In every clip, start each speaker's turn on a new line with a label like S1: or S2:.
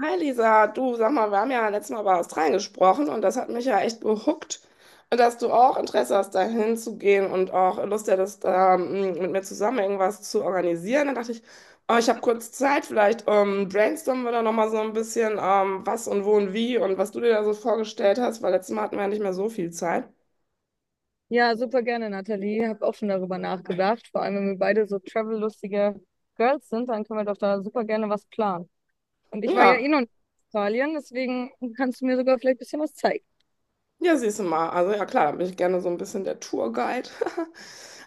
S1: Hi Lisa, du sag mal, wir haben ja letztes Mal über Australien gesprochen und das hat mich ja echt behuckt, dass du auch Interesse hast, da hinzugehen und auch Lust hättest, mit mir zusammen irgendwas zu organisieren. Dann dachte ich, oh, ich habe kurz Zeit, vielleicht brainstormen wir da nochmal so ein bisschen, was und wo und wie und was du dir da so vorgestellt hast, weil letztes Mal hatten wir ja nicht mehr so viel Zeit.
S2: Ja, super gerne, Nathalie. Hab auch schon darüber nachgedacht. Vor allem, wenn wir beide so travel-lustige Girls sind, dann können wir doch da super gerne was planen. Und ich war ja eh
S1: Ja.
S2: noch nicht in Italien, deswegen kannst du mir sogar vielleicht ein bisschen was zeigen.
S1: Ja, siehst du mal. Also ja, klar, da bin ich gerne so ein bisschen der Tourguide.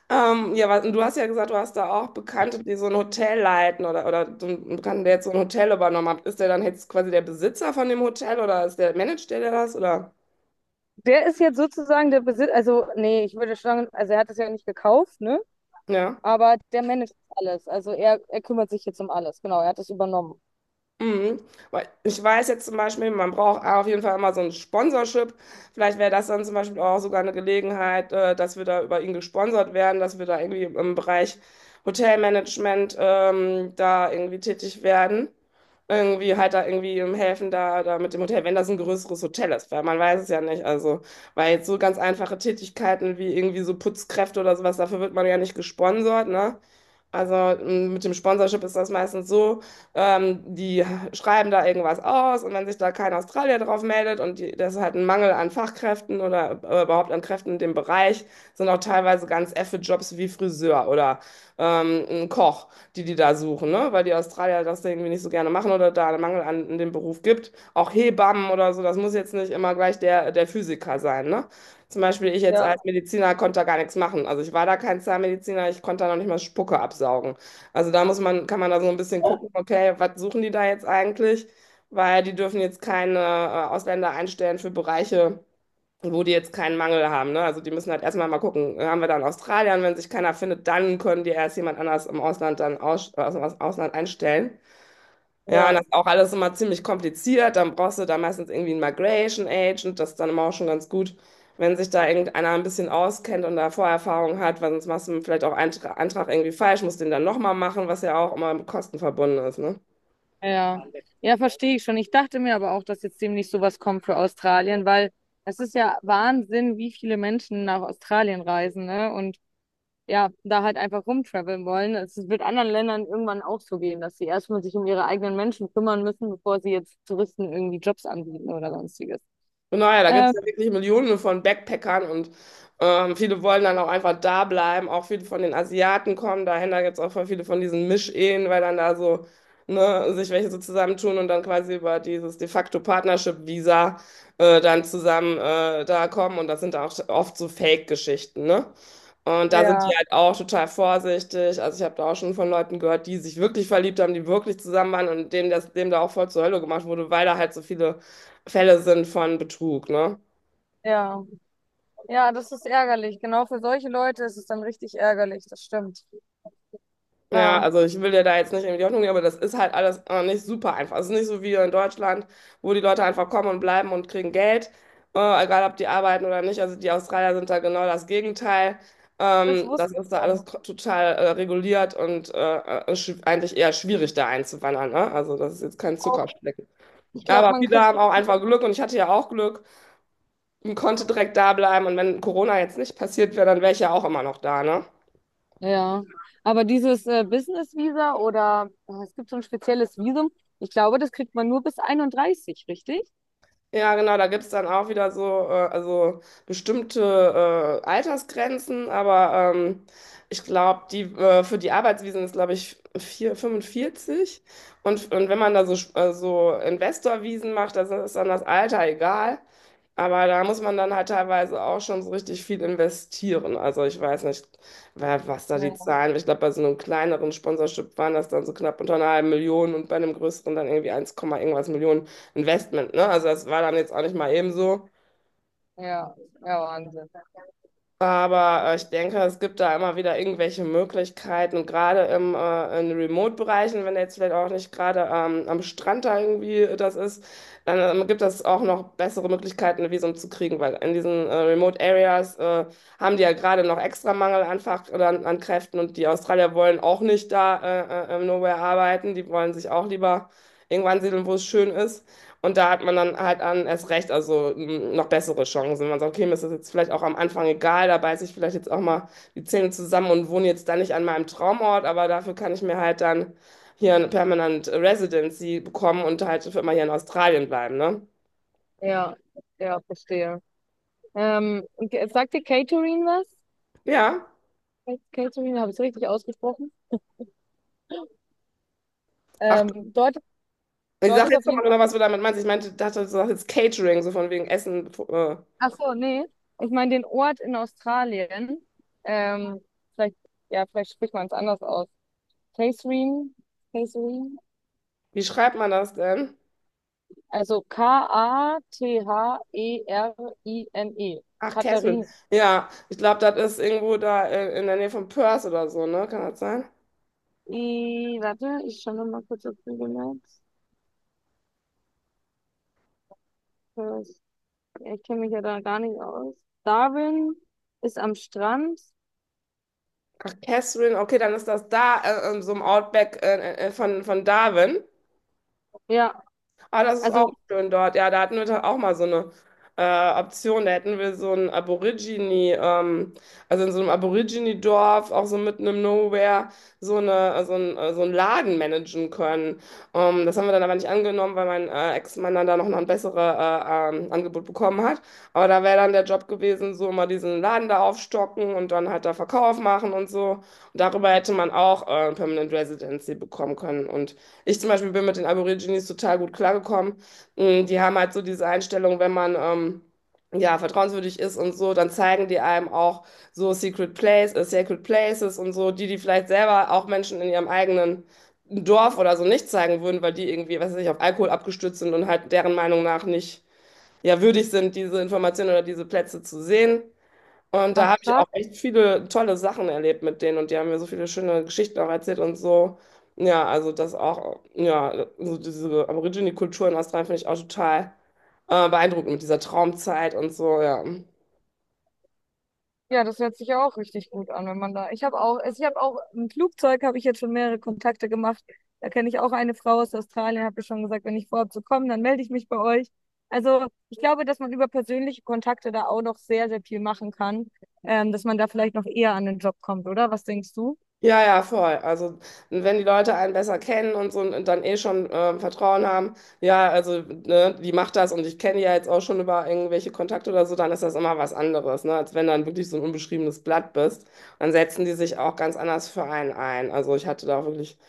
S1: Ja, was, und du hast ja gesagt, du hast da auch Bekannte, die so ein Hotel leiten oder so einen Bekannten, der jetzt so ein Hotel übernommen hat. Ist der dann jetzt quasi der Besitzer von dem Hotel oder ist der, managt der das oder?
S2: Der ist jetzt sozusagen der Besitz, also nee, ich würde sagen, also er hat es ja nicht gekauft, ne?
S1: Ja.
S2: Aber der managt alles. Also er kümmert sich jetzt um alles. Genau, er hat es übernommen.
S1: Mhm. Weil ich weiß jetzt zum Beispiel, man braucht auf jeden Fall immer so ein Sponsorship. Vielleicht wäre das dann zum Beispiel auch sogar eine Gelegenheit, dass wir da über ihn gesponsert werden, dass wir da irgendwie im Bereich Hotelmanagement da irgendwie tätig werden. Irgendwie halt da irgendwie im helfen da, da mit dem Hotel, wenn das ein größeres Hotel ist, weil man weiß es ja nicht. Also, weil jetzt so ganz einfache Tätigkeiten wie irgendwie so Putzkräfte oder sowas, dafür wird man ja nicht gesponsert, ne? Also mit dem Sponsorship ist das meistens so. Die schreiben da irgendwas aus, und wenn sich da kein Australier drauf meldet und die, das ist halt ein Mangel an Fachkräften oder überhaupt an Kräften in dem Bereich, sind auch teilweise ganz effe Jobs wie Friseur oder ein Koch, die da suchen, ne? Weil die Australier das irgendwie nicht so gerne machen oder da einen Mangel an in dem Beruf gibt. Auch Hebammen oder so, das muss jetzt nicht immer gleich der, der Physiker sein, ne? Zum Beispiel ich jetzt
S2: Ja,
S1: als Mediziner konnte da gar nichts machen. Also ich war da kein Zahnmediziner, ich konnte da noch nicht mal Spucke absaugen. Also da muss man, kann man da so ein bisschen gucken, okay, was suchen die da jetzt eigentlich? Weil die dürfen jetzt keine Ausländer einstellen für Bereiche, wo die jetzt keinen Mangel haben. Ne? Also die müssen halt erstmal mal gucken, haben wir da einen Australier? Und wenn sich keiner findet, dann können die erst jemand anders im Ausland dann aus dem Ausland einstellen. Ja, und
S2: ja.
S1: das ist auch alles immer ziemlich kompliziert. Dann brauchst du da meistens irgendwie einen Migration Agent. Das ist dann immer auch schon ganz gut, wenn sich da irgendeiner ein bisschen auskennt und da Vorerfahrung hat, weil sonst machst du vielleicht auch einen Antrag irgendwie falsch, musst den dann nochmal machen, was ja auch immer mit Kosten verbunden ist, ne?
S2: Ja, ja, verstehe ich schon. Ich dachte mir aber auch, dass jetzt demnächst sowas kommt für Australien, weil es ist ja Wahnsinn, wie viele Menschen nach Australien reisen, ne? Und ja, da halt einfach rumtraveln wollen. Es wird anderen Ländern irgendwann auch so gehen, dass sie erstmal sich um ihre eigenen Menschen kümmern müssen, bevor sie jetzt Touristen irgendwie Jobs anbieten oder sonstiges.
S1: Und naja, da gibt es
S2: Ähm,
S1: ja wirklich Millionen von Backpackern und viele wollen dann auch einfach da bleiben. Auch viele von den Asiaten kommen dahin. Da gibt es auch voll viele von diesen Mischehen, weil dann da so ne, sich welche so zusammentun und dann quasi über dieses de facto Partnership-Visa dann zusammen da kommen. Und das sind auch oft so Fake-Geschichten, ne? Und da sind die
S2: ja,
S1: halt auch total vorsichtig. Also ich habe da auch schon von Leuten gehört, die sich wirklich verliebt haben, die wirklich zusammen waren und denen das, dem da auch voll zur Hölle gemacht wurde, weil da halt so viele Fälle sind von Betrug, ne?
S2: ja. Ja, das ist ärgerlich. Genau für solche Leute ist es dann richtig ärgerlich, das stimmt.
S1: Ja,
S2: Ja,
S1: also ich will dir da jetzt nicht irgendwie die Hoffnung nehmen, aber das ist halt alles nicht super einfach. Es ist nicht so wie hier in Deutschland, wo die Leute einfach kommen und bleiben und kriegen Geld, egal ob die arbeiten oder nicht. Also die Australier sind da genau das Gegenteil.
S2: das
S1: Ähm,
S2: wusste
S1: das ist
S2: ich
S1: da alles
S2: schon.
S1: total reguliert und eigentlich eher schwierig, da einzuwandern, ne? Also das ist jetzt kein
S2: Auch,
S1: Zuckerschlecken.
S2: ich
S1: Ja,
S2: glaube,
S1: aber
S2: man
S1: viele
S2: kriegt.
S1: haben auch einfach Glück und ich hatte ja auch Glück und konnte direkt da bleiben. Und wenn Corona jetzt nicht passiert wäre, dann wäre ich ja auch immer noch da, ne?
S2: Ja, aber dieses Business Visa oder es gibt so ein spezielles Visum, ich glaube, das kriegt man nur bis 31, richtig?
S1: Ja, genau, da gibt's dann auch wieder so, also bestimmte Altersgrenzen, aber ich glaube, die für die Arbeitsvisen ist, glaube ich, 45. Und wenn man da so, so Investorvisen macht, das ist dann das Alter egal. Aber da muss man dann halt teilweise auch schon so richtig viel investieren. Also ich weiß nicht, was da die
S2: Ja,
S1: Zahlen, ich glaube, bei so einem kleineren Sponsorship waren das dann so knapp unter einer halben Million und bei einem größeren dann irgendwie eins Komma irgendwas Millionen. Investment, ne? Also das war dann jetzt auch nicht mal eben so.
S2: ja, ja, Wahnsinn.
S1: Aber ich denke, es gibt da immer wieder irgendwelche Möglichkeiten, und gerade in Remote-Bereichen, wenn jetzt vielleicht auch nicht gerade am Strand da irgendwie das ist, dann gibt es auch noch bessere Möglichkeiten, ein Visum zu kriegen, weil in diesen Remote-Areas haben die ja gerade noch extra Mangel an Fach oder an, an Kräften, und die Australier wollen auch nicht da im Nowhere arbeiten, die wollen sich auch lieber irgendwann siedeln, wo es schön ist. Und da hat man dann halt an, erst recht, also noch bessere Chancen. Man sagt, okay, mir ist das jetzt vielleicht auch am Anfang egal, da beiße ich vielleicht jetzt auch mal die Zähne zusammen und wohne jetzt dann nicht an meinem Traumort, aber dafür kann ich mir halt dann hier eine Permanent Residency bekommen und halt für immer hier in Australien bleiben, ne?
S2: Ja, ja, verstehe. Und sagt dir Catering was?
S1: Ja.
S2: Catering, habe ich es richtig ausgesprochen?
S1: Ach,
S2: Dort,
S1: ich
S2: dort
S1: sag
S2: ist auf
S1: jetzt
S2: jeden
S1: nochmal
S2: Fall.
S1: genau, was du damit meinst. Ich meinte, dachte, du sagst jetzt Catering, so von wegen Essen.
S2: Ach so, nee. Ich meine den Ort in Australien. Ähm, vielleicht, ja, vielleicht spricht man es anders aus. Catering, Catering.
S1: Wie schreibt man das denn?
S2: Also Katherine.
S1: Ach, Catherine.
S2: Katharin.
S1: Ja, ich glaube, das ist irgendwo da in der Nähe von Perth oder so, ne? Kann das sein?
S2: I, N E. Katharine. I, warte, ich schaue noch mal kurz auf Google Maps. Das- ich kenne mich ja da gar nicht aus. Darwin ist am Strand.
S1: Ach, Catherine, okay, dann ist das da in so einem Outback von Darwin.
S2: Ja,
S1: Ah, das ist auch
S2: also.
S1: schön dort. Ja, da hatten wir doch auch mal so eine Option. Da hätten wir so ein Aborigine, also in so einem Aborigine-Dorf, auch so mitten im Nowhere, so eine, so ein, so einen Laden managen können. Das haben wir dann aber nicht angenommen, weil mein Ex-Mann dann da noch ein besseres Angebot bekommen hat. Aber da wäre dann der Job gewesen, so mal diesen Laden da aufstocken und dann halt da Verkauf machen und so. Und darüber hätte man auch Permanent Residency bekommen können. Und ich zum Beispiel bin mit den Aborigines total gut klargekommen. Die haben halt so diese Einstellung, wenn man ja vertrauenswürdig ist und so, dann zeigen die einem auch so Secret Place, Sacred Places und so, die die vielleicht selber auch Menschen in ihrem eigenen Dorf oder so nicht zeigen würden, weil die irgendwie, was weiß ich, auf Alkohol abgestützt sind und halt deren Meinung nach nicht ja würdig sind, diese Informationen oder diese Plätze zu sehen. Und da habe ich auch echt viele tolle Sachen erlebt mit denen, und die haben mir so viele schöne Geschichten auch erzählt und so. Ja, also das auch, ja, also diese Aborigine-Kultur in Australien finde ich auch total beeindruckend mit dieser Traumzeit und so, ja.
S2: Ja, das hört sich ja auch richtig gut an, wenn man da. Ich habe auch, also ich habe auch im Flugzeug habe ich jetzt schon mehrere Kontakte gemacht. Da kenne ich auch eine Frau aus Australien, habe ich schon gesagt, wenn ich vorhabe zu kommen, dann melde ich mich bei euch. Also ich glaube, dass man über persönliche Kontakte da auch noch sehr, sehr viel machen kann, dass man da vielleicht noch eher an den Job kommt, oder? Was denkst du?
S1: Ja, ja, voll. Also, wenn die Leute einen besser kennen und so und dann eh schon Vertrauen haben, ja, also, ne, die macht das und ich kenne die ja jetzt auch schon über irgendwelche Kontakte oder so, dann ist das immer was anderes, ne, als wenn du dann wirklich so ein unbeschriebenes Blatt bist. Dann setzen die sich auch ganz anders für einen ein. Also, ich hatte da wirklich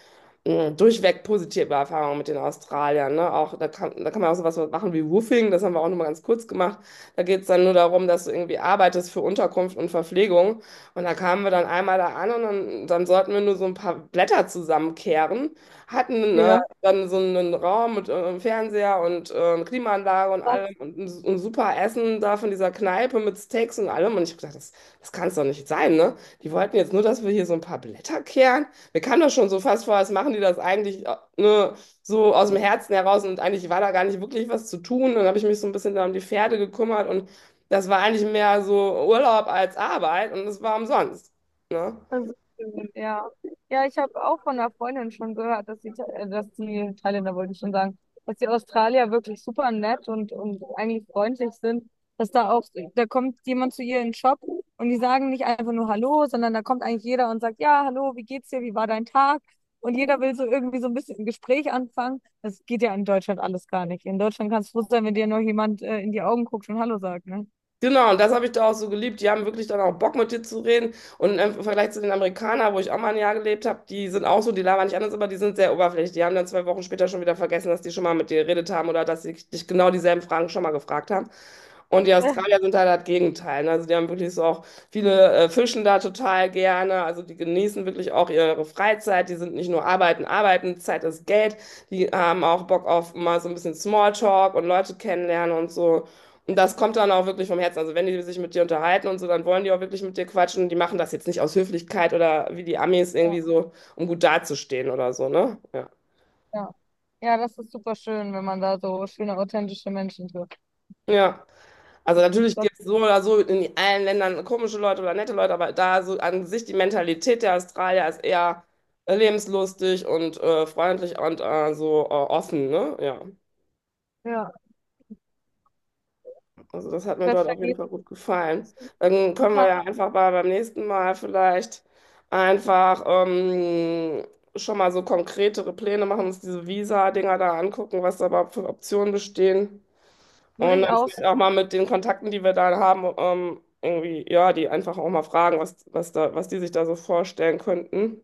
S1: durchweg positive Erfahrungen mit den Australiern. Ne? Auch, da kann man auch sowas machen wie Woofing, das haben wir auch nochmal ganz kurz gemacht. Da geht es dann nur darum, dass du irgendwie arbeitest für Unterkunft und Verpflegung. Und da kamen wir dann einmal da an und dann, dann sollten wir nur so ein paar Blätter zusammenkehren, hatten
S2: Ja.
S1: dann so einen Raum mit Fernseher und Klimaanlage und allem und ein super Essen da von dieser Kneipe mit Steaks und allem. Und ich habe gedacht, das, das kann es doch nicht sein, ne? Die wollten jetzt nur, dass wir hier so ein paar Blätter kehren, mir kam das schon so fast vor, was machen die das eigentlich, ne, so aus dem Herzen heraus, und eigentlich war da gar nicht wirklich was zu tun. Dann habe ich mich so ein bisschen da um die Pferde gekümmert, und das war eigentlich mehr so Urlaub als Arbeit, und es war umsonst, ne?
S2: Das ja. Ja, ich habe auch von einer Freundin schon gehört, dass dass die Thailänder, wollte ich schon sagen, dass die Australier wirklich super nett und eigentlich freundlich sind. Dass da auch, da kommt jemand zu ihr in den Shop und die sagen nicht einfach nur Hallo, sondern da kommt eigentlich jeder und sagt, ja, hallo, wie geht's dir, wie war dein Tag? Und jeder will so irgendwie so ein bisschen ein Gespräch anfangen. Das geht ja in Deutschland alles gar nicht. In Deutschland kannst du froh sein, wenn dir nur jemand in die Augen guckt und Hallo sagt, ne?
S1: Genau, und das habe ich da auch so geliebt. Die haben wirklich dann auch Bock, mit dir zu reden. Und im Vergleich zu den Amerikanern, wo ich auch mal ein Jahr gelebt habe, die sind auch so, die labern nicht anders, aber die sind sehr oberflächlich. Die haben dann 2 Wochen später schon wieder vergessen, dass die schon mal mit dir geredet haben oder dass sie dich genau dieselben Fragen schon mal gefragt haben. Und die Australier sind halt das Gegenteil. Ne? Also die haben wirklich so auch viele fischen da total gerne. Also die genießen wirklich auch ihre Freizeit. Die sind nicht nur arbeiten, arbeiten, Zeit ist Geld. Die haben auch Bock auf mal so ein bisschen Smalltalk und Leute kennenlernen und so. Und das kommt dann auch wirklich vom Herzen. Also wenn die sich mit dir unterhalten und so, dann wollen die auch wirklich mit dir quatschen. Die machen das jetzt nicht aus Höflichkeit oder wie die Amis irgendwie so, um gut dazustehen oder so, ne? Ja.
S2: Ja. Ja, das ist super schön, wenn man da so schöne, authentische Menschen trifft.
S1: Ja. Also natürlich
S2: Besser,
S1: gibt es so oder so in allen Ländern komische Leute oder nette Leute, aber da so an sich die Mentalität der Australier ist eher lebenslustig und freundlich und offen, ne? Ja.
S2: ja,
S1: Also das hat mir dort
S2: besser
S1: auf jeden Fall
S2: geht's.
S1: gut gefallen. Dann können wir
S2: Guten.
S1: ja einfach mal beim nächsten Mal vielleicht einfach schon mal so konkretere Pläne machen, uns diese Visa-Dinger da angucken, was da überhaupt für Optionen bestehen.
S2: Würde
S1: Und
S2: ich
S1: dann
S2: aus.
S1: vielleicht auch mal mit den Kontakten, die wir da haben, irgendwie, ja, die einfach auch mal fragen, was, was da, was die sich da so vorstellen könnten.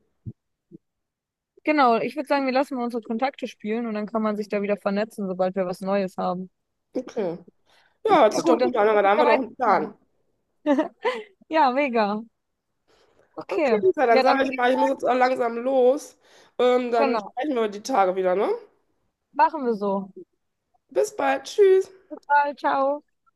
S2: Genau, ich würde sagen, wir lassen mal unsere Kontakte spielen und dann kann man sich da wieder vernetzen, sobald wir was Neues haben.
S1: Okay. Ja, hört
S2: Ja
S1: sich doch
S2: gut, dann
S1: gut an, aber
S2: ist
S1: da
S2: es
S1: haben
S2: ja
S1: wir doch einen
S2: weiterkommen.
S1: Plan.
S2: Ja, mega. Okay.
S1: Okay, Lisa, dann
S2: Ja, dann
S1: sage ich
S2: würde ich,
S1: mal, ich muss jetzt auch langsam los. Dann
S2: genau,
S1: sprechen wir die Tage wieder, ne?
S2: machen wir so.
S1: Bis bald. Tschüss.
S2: Bye, ciao.